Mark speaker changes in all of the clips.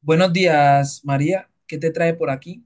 Speaker 1: Buenos días, María. ¿Qué te trae por aquí?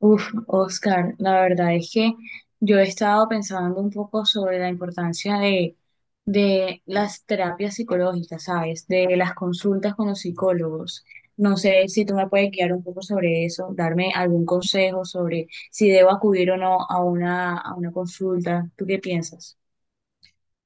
Speaker 2: Oscar, la verdad es que yo he estado pensando un poco sobre la importancia de las terapias psicológicas, ¿sabes? De las consultas con los psicólogos. No sé si tú me puedes guiar un poco sobre eso, darme algún consejo sobre si debo acudir o no a una consulta. ¿Tú qué piensas?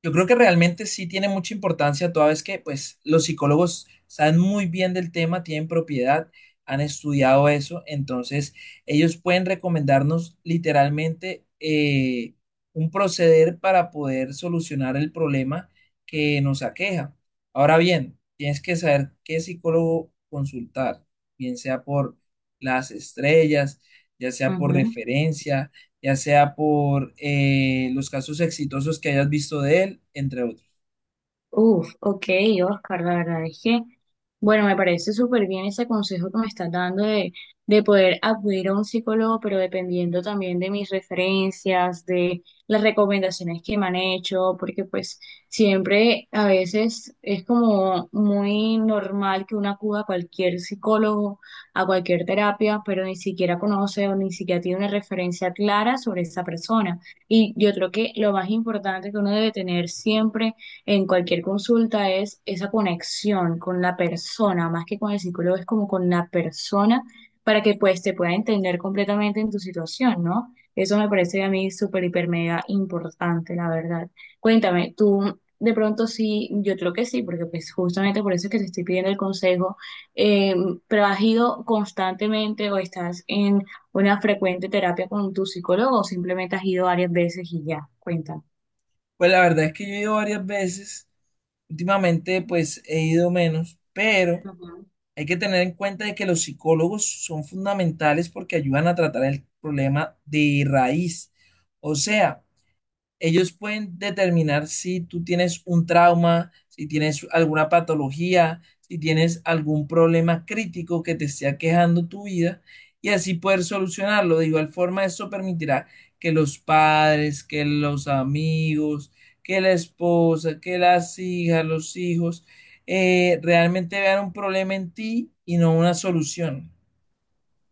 Speaker 1: Yo creo que realmente sí tiene mucha importancia, toda vez que pues los psicólogos saben muy bien del tema, tienen propiedad, han estudiado eso, entonces ellos pueden recomendarnos literalmente un proceder para poder solucionar el problema que nos aqueja. Ahora bien, tienes que saber qué psicólogo consultar, bien sea por las estrellas, ya sea por referencia, ya sea por los casos exitosos que hayas visto de él, entre otros.
Speaker 2: Uf, ok, Oscar, la verdad es que, bueno, me parece súper bien ese consejo que me estás dando de poder acudir a un psicólogo, pero dependiendo también de mis referencias, de las recomendaciones que me han hecho, porque pues siempre a veces es como muy normal que uno acuda a cualquier psicólogo, a cualquier terapia, pero ni siquiera conoce o ni siquiera tiene una referencia clara sobre esa persona. Y yo creo que lo más importante que uno debe tener siempre en cualquier consulta es esa conexión con la persona, más que con el psicólogo, es como con la persona para que pues te pueda entender completamente en tu situación, ¿no? Eso me parece a mí súper, hiper, mega importante, la verdad. Cuéntame, tú de pronto sí, yo creo que sí, porque pues justamente por eso es que te estoy pidiendo el consejo, eh, pero has ido constantemente o estás en una frecuente terapia con tu psicólogo o simplemente has ido varias veces y ya, cuéntame.
Speaker 1: Pues la verdad es que yo he ido varias veces, últimamente pues he ido menos, pero hay que tener en cuenta de que los psicólogos son fundamentales porque ayudan a tratar el problema de raíz. O sea, ellos pueden determinar si tú tienes un trauma, si tienes alguna patología, si tienes algún problema crítico que te esté aquejando tu vida, y así poder solucionarlo. De igual forma, eso permitirá que los padres, que los amigos, que la esposa, que las hijas, los hijos, realmente vean un problema en ti y no una solución.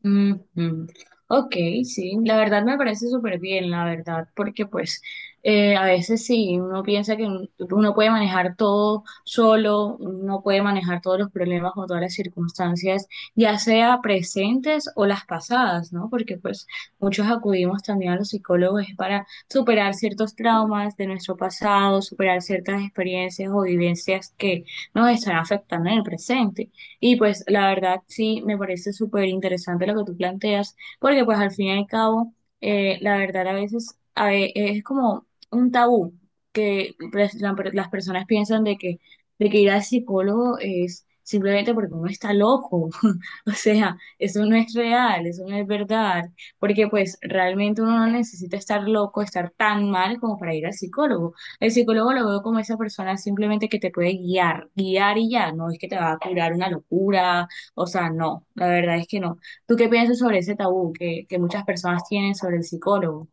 Speaker 2: Ujú. Ok, sí, la verdad me parece súper bien, la verdad, porque pues a veces sí, uno piensa que uno puede manejar todo solo, uno puede manejar todos los problemas o todas las circunstancias, ya sea presentes o las pasadas, ¿no? Porque pues muchos acudimos también a los psicólogos es para superar ciertos traumas de nuestro pasado, superar ciertas experiencias o vivencias que nos están afectando en el presente. Y pues la verdad sí, me parece súper interesante lo que tú planteas, porque pues al fin y al cabo, la verdad a veces es como un tabú que pues, las personas piensan de que ir al psicólogo es simplemente porque uno está loco. O sea, eso no es real, eso no es verdad, porque pues realmente uno no necesita estar loco, estar tan mal como para ir al psicólogo. El psicólogo lo veo como esa persona simplemente que te puede guiar, guiar y ya, no es que te va a curar una locura, o sea, no, la verdad es que no. ¿Tú qué piensas sobre ese tabú que muchas personas tienen sobre el psicólogo?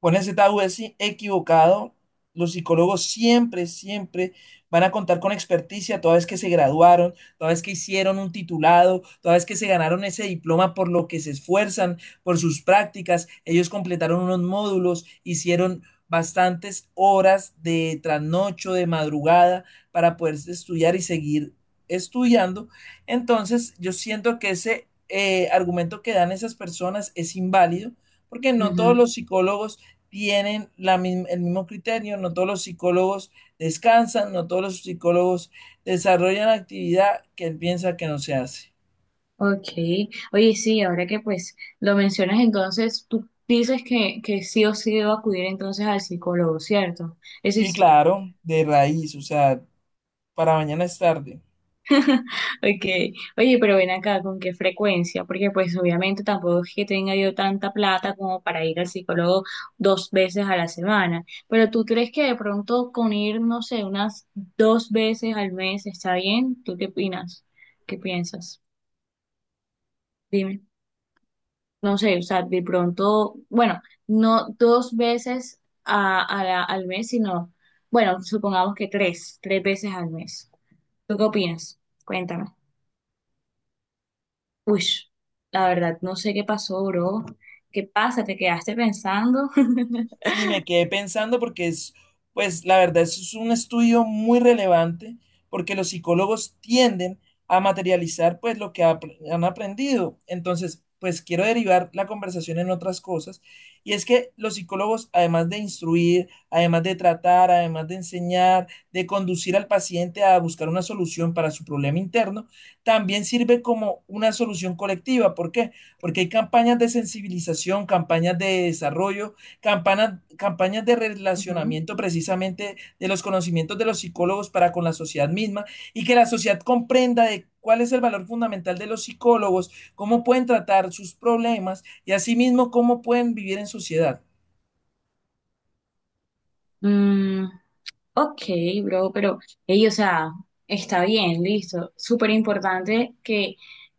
Speaker 1: Con ese tabú es equivocado. Los psicólogos siempre, siempre van a contar con experticia toda vez que se graduaron, toda vez que hicieron un titulado, toda vez que se ganaron ese diploma por lo que se esfuerzan, por sus prácticas. Ellos completaron unos módulos, hicieron bastantes horas de trasnocho, de madrugada, para poder estudiar y seguir estudiando. Entonces, yo siento que ese argumento que dan esas personas es inválido, porque no todos
Speaker 2: Ujú.
Speaker 1: los psicólogos tienen la misma, el mismo criterio, no todos los psicólogos descansan, no todos los psicólogos desarrollan actividad que él piensa que no se hace.
Speaker 2: Ok, oye, sí, ahora que pues lo mencionas, entonces tú dices que sí o sí debo acudir entonces al psicólogo, ¿cierto? Ese
Speaker 1: Sí,
Speaker 2: es.
Speaker 1: claro, de raíz, o sea, para mañana es tarde.
Speaker 2: Okay. Oye, pero ven acá, ¿con qué frecuencia? Porque pues obviamente tampoco es que tenga yo tanta plata como para ir al psicólogo dos veces a la semana. Pero ¿tú crees que de pronto con ir, no sé, unas dos veces al mes está bien? ¿Tú qué opinas? ¿Qué piensas? Dime. No sé, o sea, de pronto, bueno, no dos veces al mes, sino, bueno, supongamos que tres veces al mes. ¿Tú qué opinas? Cuéntame. Uy, la verdad, no sé qué pasó, bro. ¿Qué pasa? ¿Te quedaste pensando?
Speaker 1: Sí, me quedé pensando porque es, pues la verdad, eso es un estudio muy relevante porque los psicólogos tienden a materializar pues han aprendido. Entonces, pues quiero derivar la conversación en otras cosas, y es que los psicólogos, además de instruir, además de tratar, además de enseñar, de conducir al paciente a buscar una solución para su problema interno, también sirve como una solución colectiva. ¿Por qué? Porque hay campañas de sensibilización, campañas de desarrollo, campañas de
Speaker 2: Ujú.
Speaker 1: relacionamiento precisamente de los conocimientos de los psicólogos para con la sociedad misma, y que la sociedad comprenda de cuál es el valor fundamental de los psicólogos, cómo pueden tratar sus problemas y asimismo cómo pueden vivir en sociedad.
Speaker 2: Mm, ok, bro, pero, ey, o sea, está bien, listo. Súper importante que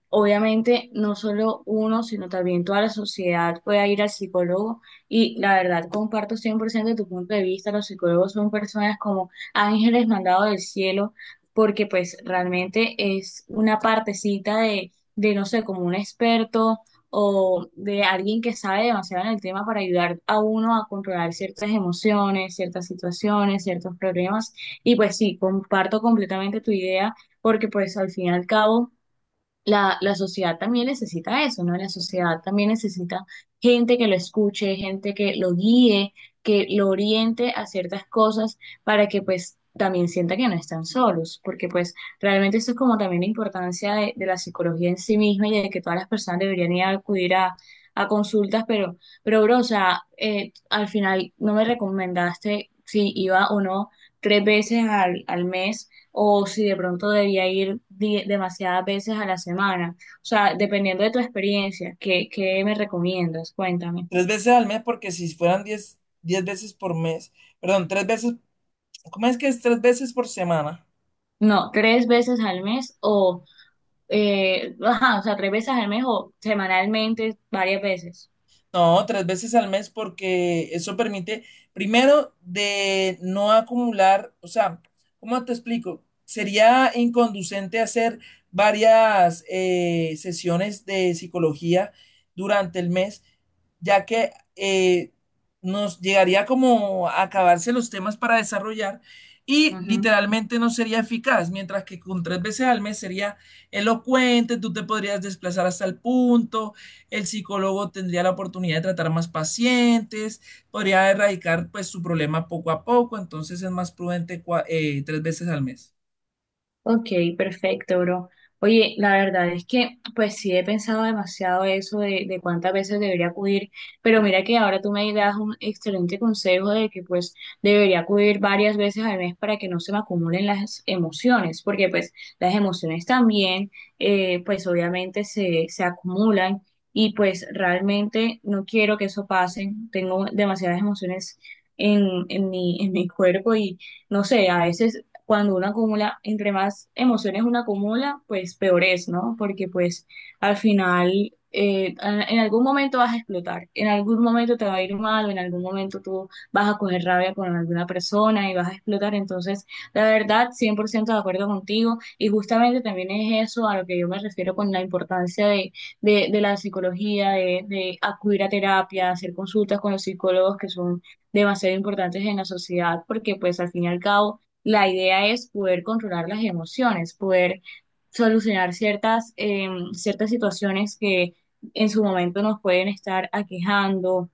Speaker 2: obviamente no solo uno, sino también toda la sociedad pueda ir al psicólogo. Y la verdad, comparto 100% tu punto de vista. Los psicólogos son personas como ángeles mandados del cielo, porque pues realmente es una partecita de no sé, como un experto o de alguien que sabe demasiado en el tema para ayudar a uno a controlar ciertas emociones, ciertas situaciones, ciertos problemas. Y pues sí, comparto completamente tu idea porque pues al fin y al cabo la sociedad también necesita eso, ¿no? La sociedad también necesita gente que lo escuche, gente que lo guíe, que lo oriente a ciertas cosas para que pues también sienta que no están solos, porque pues realmente eso es como también la importancia de la psicología en sí misma y de que todas las personas deberían ir a acudir a consultas, pero bro, o sea, al final no me recomendaste si iba o no tres veces al mes o si de pronto debía ir demasiadas veces a la semana. O sea, dependiendo de tu experiencia, ¿qué me recomiendas? Cuéntame.
Speaker 1: Tres veces al mes, porque si fueran 10, 10 veces por mes, perdón, tres veces, ¿cómo es que es tres veces por semana?
Speaker 2: No, tres veces al mes o, ajá, o sea, tres veces al mes o semanalmente varias veces.
Speaker 1: No, tres veces al mes porque eso permite, primero, de no acumular, o sea, ¿cómo te explico? Sería inconducente hacer varias sesiones de psicología durante el mes, ya que nos llegaría como a acabarse los temas para desarrollar y
Speaker 2: Ujú.
Speaker 1: literalmente no sería eficaz, mientras que con tres veces al mes sería elocuente, tú te podrías desplazar hasta el punto, el psicólogo tendría la oportunidad de tratar más pacientes, podría erradicar pues su problema poco a poco, entonces es más prudente tres veces al mes.
Speaker 2: Ok, perfecto, bro. Oye, la verdad es que, pues sí he pensado demasiado eso de cuántas veces debería acudir, pero mira que ahora tú me das un excelente consejo de que pues debería acudir varias veces al mes para que no se me acumulen las emociones, porque pues las emociones también, pues obviamente se acumulan y pues realmente no quiero que eso pase. Tengo demasiadas emociones en mi cuerpo y no sé, a veces cuando uno acumula, entre más emociones uno acumula, pues peor es, ¿no? Porque pues al final en algún momento vas a explotar, en algún momento te va a ir mal, o en algún momento tú vas a coger rabia con alguna persona y vas a explotar. Entonces, la verdad, 100% de acuerdo contigo y justamente también es eso a lo que yo me refiero con la importancia de la psicología, de acudir a terapia, hacer consultas con los psicólogos que son demasiado importantes en la sociedad, porque pues al fin y al cabo la idea es poder controlar las emociones, poder solucionar ciertas, em, ciertas situaciones que en su momento nos pueden estar aquejando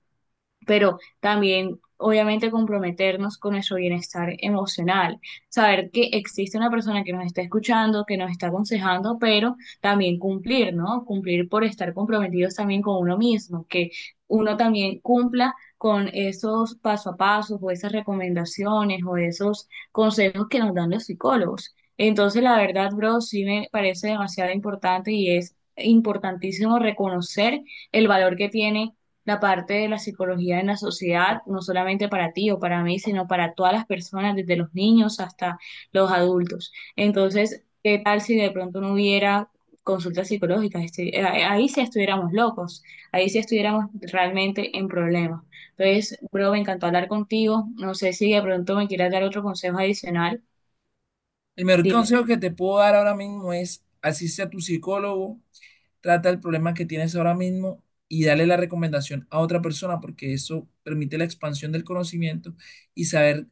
Speaker 2: pero también obviamente comprometernos con nuestro bienestar emocional, saber que existe una persona que nos está escuchando, que nos está aconsejando, pero también cumplir, ¿no? Cumplir por estar comprometidos también con uno mismo, que uno también cumpla con esos paso a paso o esas recomendaciones o esos consejos que nos dan los psicólogos. Entonces, la verdad, bro, sí me parece demasiado importante y es importantísimo reconocer el valor que tiene la parte de la psicología en la sociedad, no solamente para ti o para mí, sino para todas las personas, desde los niños hasta los adultos. Entonces, ¿qué tal si de pronto no hubiera consultas psicológicas? Ahí sí estuviéramos locos, ahí sí estuviéramos realmente en problemas. Entonces, bro, me encantó hablar contigo. No sé si de pronto me quieras dar otro consejo adicional.
Speaker 1: El mejor
Speaker 2: Dime.
Speaker 1: consejo que te puedo dar ahora mismo es asiste a tu psicólogo, trata el problema que tienes ahora mismo y dale la recomendación a otra persona porque eso permite la expansión del conocimiento y saber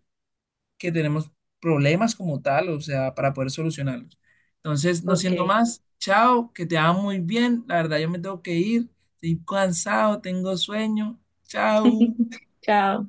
Speaker 1: que tenemos problemas como tal, o sea, para poder solucionarlos. Entonces, no
Speaker 2: Ok,
Speaker 1: siendo más, chao, que te va muy bien. La verdad, yo me tengo que ir, estoy cansado, tengo sueño. Chao.
Speaker 2: chao.